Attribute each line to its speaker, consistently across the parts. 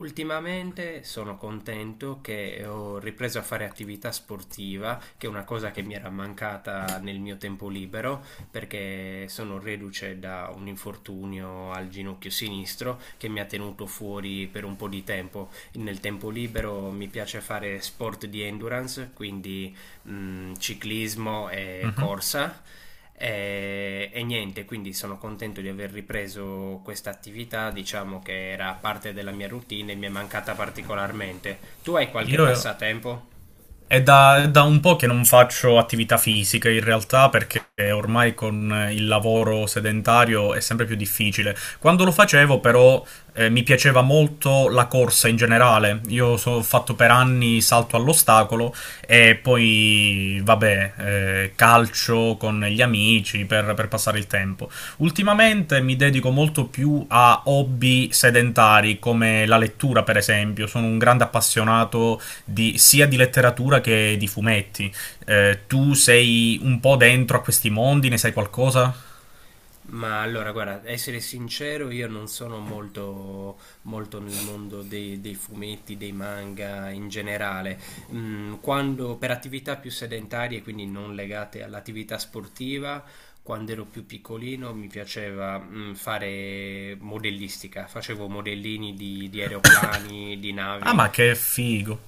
Speaker 1: Ultimamente sono contento che ho ripreso a fare attività sportiva, che è una cosa che mi era mancata nel mio tempo libero, perché sono reduce da un infortunio al ginocchio sinistro che mi ha tenuto fuori per un po' di tempo. Nel tempo libero mi piace fare sport di endurance, quindi ciclismo e
Speaker 2: Mhm.
Speaker 1: corsa. E niente, quindi sono contento di aver ripreso questa attività, diciamo che era parte della mia routine e mi è mancata particolarmente. Tu hai qualche
Speaker 2: Io
Speaker 1: passatempo?
Speaker 2: è da un po' che non faccio attività fisica in realtà perché ormai con il lavoro sedentario è sempre più difficile. Quando lo facevo però mi piaceva molto la corsa in generale. Ho fatto per anni salto all'ostacolo e poi vabbè, calcio con gli amici per passare il tempo. Ultimamente mi dedico molto più a hobby sedentari come la lettura, per esempio. Sono un grande appassionato sia di letteratura che di fumetti. Tu sei un po' dentro a questi mondi, ne sai qualcosa?
Speaker 1: Ma allora, guarda, essere sincero, io non sono molto, molto nel mondo dei fumetti, dei manga in generale. Quando, per attività più sedentarie, quindi non legate all'attività sportiva, quando ero più piccolino mi piaceva, fare modellistica. Facevo modellini di aeroplani, di
Speaker 2: Ah,
Speaker 1: navi
Speaker 2: ma che figo!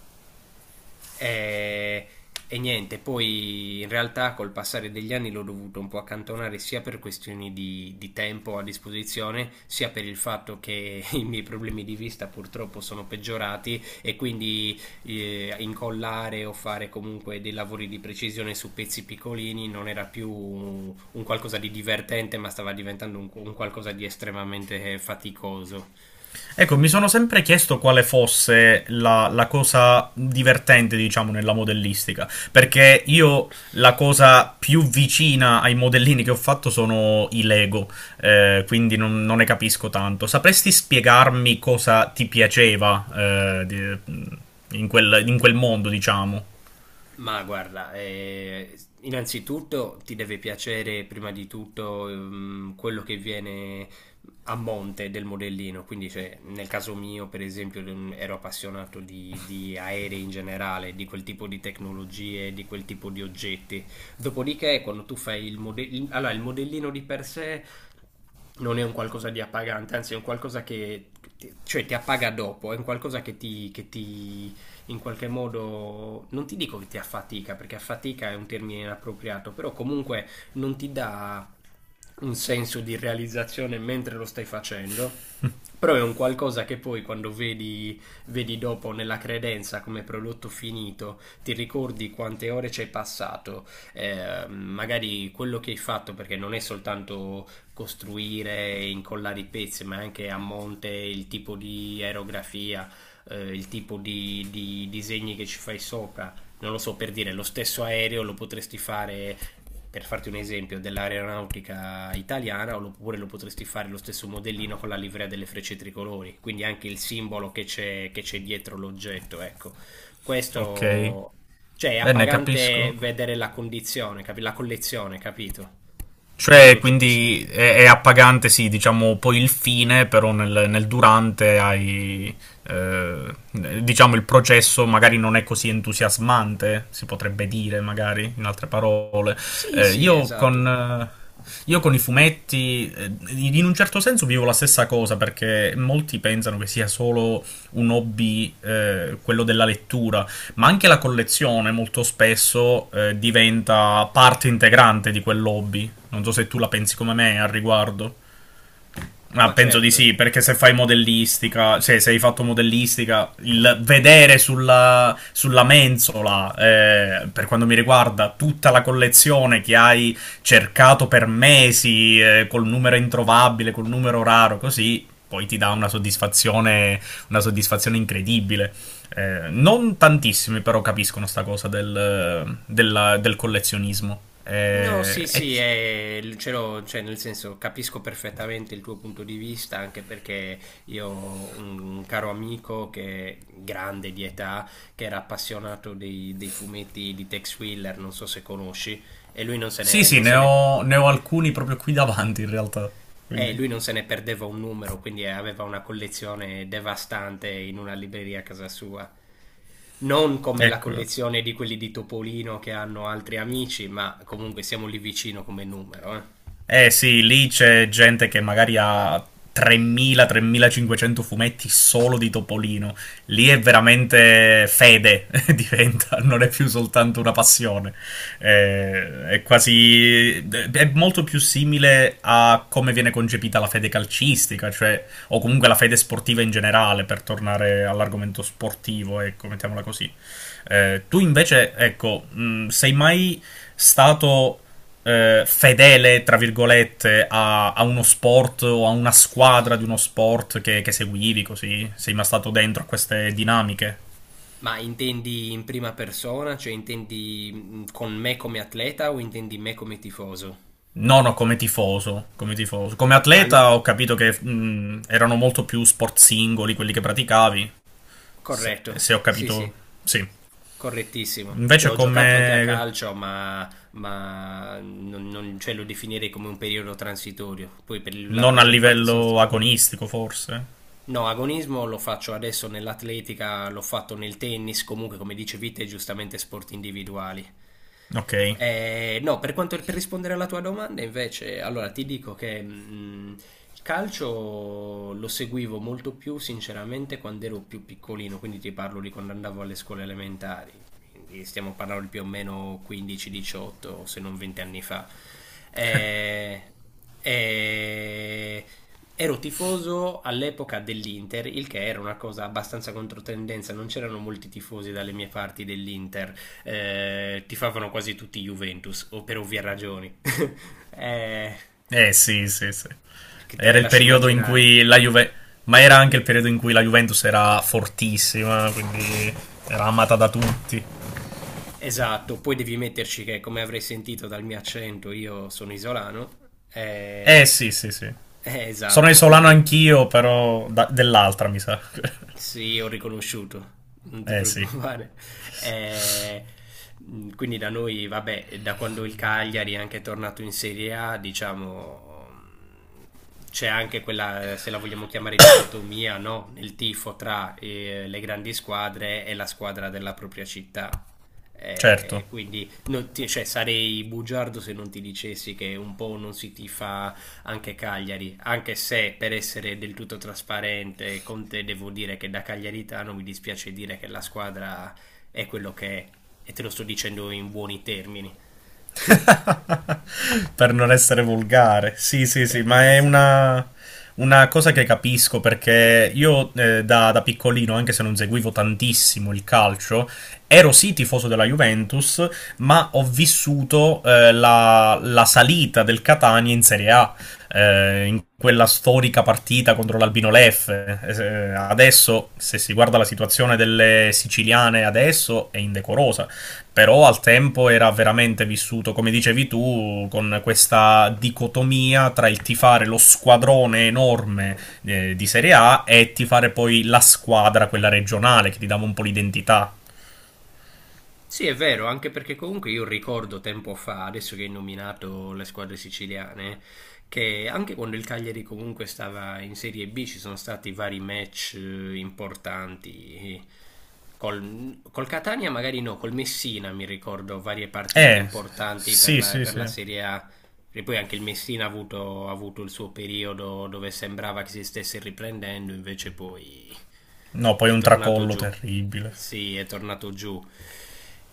Speaker 1: e, e niente, poi in realtà col passare degli anni l'ho dovuto un po' accantonare sia per questioni di tempo a disposizione, sia per il fatto che i miei problemi di vista purtroppo sono peggiorati e quindi incollare o fare comunque dei lavori di precisione su pezzi piccolini non era più un qualcosa di divertente, ma stava diventando un qualcosa di estremamente faticoso.
Speaker 2: Ecco, mi sono sempre chiesto quale fosse la cosa divertente, diciamo, nella modellistica, perché io la cosa più vicina ai modellini che ho fatto sono i Lego, quindi non ne capisco tanto. Sapresti spiegarmi cosa ti piaceva, eh, di- in in quel mondo, diciamo?
Speaker 1: Ma guarda, innanzitutto ti deve piacere prima di tutto quello che viene a monte del modellino, quindi cioè, nel caso mio per esempio ero appassionato di aerei in generale, di quel tipo di tecnologie, di quel tipo di oggetti. Dopodiché quando tu fai il modellino, allora il modellino di per sé non è un qualcosa di appagante, anzi è un qualcosa che cioè, ti appaga dopo, è un qualcosa che ti in qualche modo, non ti dico che ti affatica, perché affatica è un termine inappropriato, però comunque non ti dà un senso di realizzazione mentre lo stai facendo. Però è un qualcosa che poi quando vedi dopo nella credenza come prodotto finito, ti ricordi quante ore ci hai passato, magari quello che hai fatto, perché non è soltanto costruire, e incollare i pezzi, ma anche a monte il tipo di aerografia, il tipo di disegni che ci fai sopra. Non lo so, per dire, lo stesso aereo lo potresti fare, per farti un esempio, dell'aeronautica italiana, oppure lo potresti fare lo stesso modellino con la livrea delle frecce tricolori, quindi anche il simbolo che c'è dietro l'oggetto, ecco.
Speaker 2: Ok,
Speaker 1: Questo, cioè, è
Speaker 2: bene,
Speaker 1: appagante
Speaker 2: capisco.
Speaker 1: vedere la condizione, la collezione, capito? Non
Speaker 2: Cioè,
Speaker 1: l'oggetto singolo.
Speaker 2: quindi è appagante, sì, diciamo poi il fine, però nel durante eh, diciamo, il processo magari non è così entusiasmante, si potrebbe dire, magari, in altre parole.
Speaker 1: Sì,
Speaker 2: Eh,
Speaker 1: sì,
Speaker 2: io
Speaker 1: esatto.
Speaker 2: con... eh, Io con i fumetti, in un certo senso vivo la stessa cosa perché molti pensano che sia solo un hobby, quello della lettura, ma anche la collezione molto spesso diventa parte integrante di quel hobby. Non so se tu la pensi come me al riguardo.
Speaker 1: Ma
Speaker 2: Penso di
Speaker 1: certo.
Speaker 2: sì, perché se fai modellistica, cioè se hai fatto modellistica, il vedere sulla mensola, per quanto mi riguarda, tutta la collezione che hai cercato per mesi, col numero introvabile, col numero raro, così, poi ti dà una soddisfazione incredibile. Non tantissimi però capiscono sta cosa del collezionismo.
Speaker 1: No, sì, sì, è, ce l'ho, cioè, nel senso capisco perfettamente il tuo punto di vista, anche perché io ho un caro amico che è grande di età, che era appassionato dei fumetti di Tex Willer, non so se conosci, e lui non se
Speaker 2: Sì,
Speaker 1: ne,
Speaker 2: sì,
Speaker 1: non se ne-
Speaker 2: ne ho alcuni proprio qui davanti in realtà. Quindi,
Speaker 1: lui non se ne perdeva un numero, quindi aveva una collezione devastante in una libreria a casa sua. Non come la
Speaker 2: ecco.
Speaker 1: collezione di quelli di Topolino che hanno altri amici, ma comunque siamo lì vicino come numero, eh.
Speaker 2: Eh sì, lì c'è gente che magari ha 3.000-3.500 fumetti solo di Topolino. Lì è veramente fede, diventa, non è più soltanto una passione. È quasi... è molto più simile a come viene concepita la fede calcistica, cioè, o comunque la fede sportiva in generale, per tornare all'argomento sportivo, ecco, mettiamola così. Tu invece, ecco, sei mai stato fedele, tra virgolette, a uno sport o a una squadra di uno sport che seguivi così? Sei mai stato dentro a queste dinamiche?
Speaker 1: Ma intendi in prima persona, cioè intendi con me come atleta o intendi me come tifoso?
Speaker 2: No, no, come tifoso, come tifoso. Come
Speaker 1: Allo-
Speaker 2: atleta ho capito che erano molto più sport singoli quelli che praticavi,
Speaker 1: corretto,
Speaker 2: se ho
Speaker 1: sì,
Speaker 2: capito,
Speaker 1: sì,
Speaker 2: sì.
Speaker 1: correttissimo. Cioè
Speaker 2: Invece
Speaker 1: ho giocato anche a
Speaker 2: come
Speaker 1: calcio, ma cioè, lo definirei come un periodo transitorio. Poi per la
Speaker 2: non a
Speaker 1: maggior parte sono...
Speaker 2: livello agonistico, forse.
Speaker 1: No, agonismo lo faccio adesso nell'atletica, l'ho fatto nel tennis, comunque come dicevi te, giustamente sport individuali.
Speaker 2: Ok.
Speaker 1: No, per quanto, per rispondere alla tua domanda, invece, allora ti dico che il calcio lo seguivo molto più sinceramente quando ero più piccolino, quindi ti parlo di quando andavo alle scuole elementari. Quindi stiamo parlando di più o meno 15-18, se non 20 anni fa. Eh, eh, ero tifoso all'epoca dell'Inter, il che era una cosa abbastanza controtendenza, non c'erano molti tifosi dalle mie parti dell'Inter, tifavano quasi tutti Juventus, o per ovvie ragioni. Eh,
Speaker 2: Eh sì, sì, sì.
Speaker 1: che te le
Speaker 2: Era il
Speaker 1: lascio
Speaker 2: periodo in
Speaker 1: immaginare.
Speaker 2: cui la Juve... Ma era anche il periodo in cui la Juventus era fortissima, quindi era amata da tutti.
Speaker 1: Esatto, poi devi metterci che, come avrei sentito dal mio accento, io sono isolano. Eh,
Speaker 2: Eh sì, sì, sì.
Speaker 1: eh,
Speaker 2: Sono
Speaker 1: esatto,
Speaker 2: isolano
Speaker 1: quindi.
Speaker 2: anch'io, però da- dell'altra, mi sa.
Speaker 1: Sì, ho riconosciuto, non ti
Speaker 2: Eh sì,
Speaker 1: preoccupare. Eh, quindi da noi, vabbè, da quando il Cagliari è anche tornato in Serie A, diciamo, c'è anche quella, se la vogliamo chiamare dicotomia, no? Nel tifo tra le grandi squadre e la squadra della propria città.
Speaker 2: certo.
Speaker 1: Quindi non cioè, sarei bugiardo se non ti dicessi che un po' non si tifa anche Cagliari, anche se per essere del tutto trasparente con te devo dire che da cagliaritano mi dispiace dire che la squadra è quello che è e te lo sto dicendo in buoni termini,
Speaker 2: Per non essere volgare. Sì, sì, sì,
Speaker 1: per
Speaker 2: ma
Speaker 1: non
Speaker 2: è
Speaker 1: essere...
Speaker 2: una cosa che capisco perché io da piccolino, anche se non seguivo tantissimo il calcio, ero sì tifoso della Juventus, ma ho vissuto la salita del Catania in Serie A in quella storica partita contro l'Albino Leffe. Adesso, se si guarda la situazione delle siciliane adesso, è indecorosa. Però al tempo era veramente vissuto, come dicevi tu, con questa dicotomia tra il tifare lo squadrone enorme di Serie A e tifare poi la squadra, quella regionale, che ti dava un po' l'identità.
Speaker 1: Sì, è vero, anche perché comunque io ricordo tempo fa, adesso che hai nominato le squadre siciliane, che anche quando il Cagliari comunque stava in Serie B ci sono stati vari match importanti. Col Catania magari no, col Messina mi ricordo varie partite
Speaker 2: Eh,
Speaker 1: importanti per
Speaker 2: sì,
Speaker 1: la,
Speaker 2: sì,
Speaker 1: per la
Speaker 2: sì.
Speaker 1: Serie A. E poi anche il Messina ha avuto il suo periodo dove sembrava che si stesse riprendendo, invece poi
Speaker 2: No, poi
Speaker 1: è
Speaker 2: un
Speaker 1: tornato
Speaker 2: tracollo
Speaker 1: giù.
Speaker 2: terribile.
Speaker 1: Sì, è tornato giù.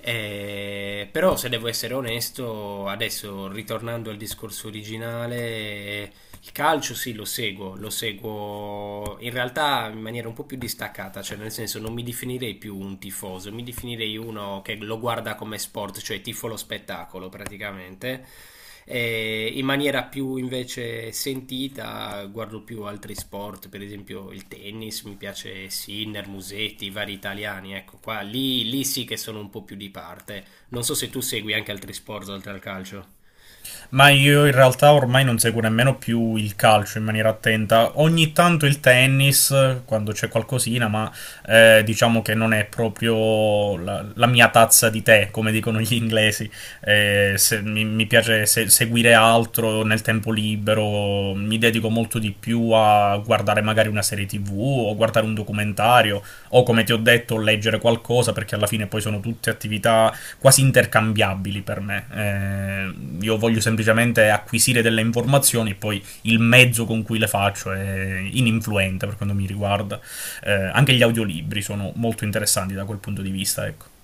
Speaker 1: Però se devo essere onesto, adesso ritornando al discorso originale, il calcio sì, lo seguo in realtà in maniera un po' più distaccata, cioè nel senso non mi definirei più un tifoso, mi definirei uno che lo guarda come sport, cioè tifo lo spettacolo praticamente. E in maniera più invece sentita guardo più altri sport, per esempio il tennis, mi piace Sinner, Musetti, i vari italiani, ecco qua, lì, lì sì che sono un po' più di parte. Non so se tu segui anche altri sport oltre al calcio.
Speaker 2: Ma io in realtà ormai non seguo nemmeno più il calcio in maniera attenta. Ogni tanto il tennis, quando c'è qualcosina, ma diciamo che non è proprio la mia tazza di tè, come dicono gli inglesi, mi piace seguire altro nel tempo libero, mi dedico molto di più a guardare magari una serie TV o guardare un documentario o come ti ho detto leggere qualcosa perché alla fine poi sono tutte attività quasi intercambiabili per me. Io voglio semplicemente acquisire delle informazioni e poi il mezzo con cui le faccio è ininfluente per quanto mi riguarda. Anche gli audiolibri sono molto interessanti da quel punto di vista, ecco.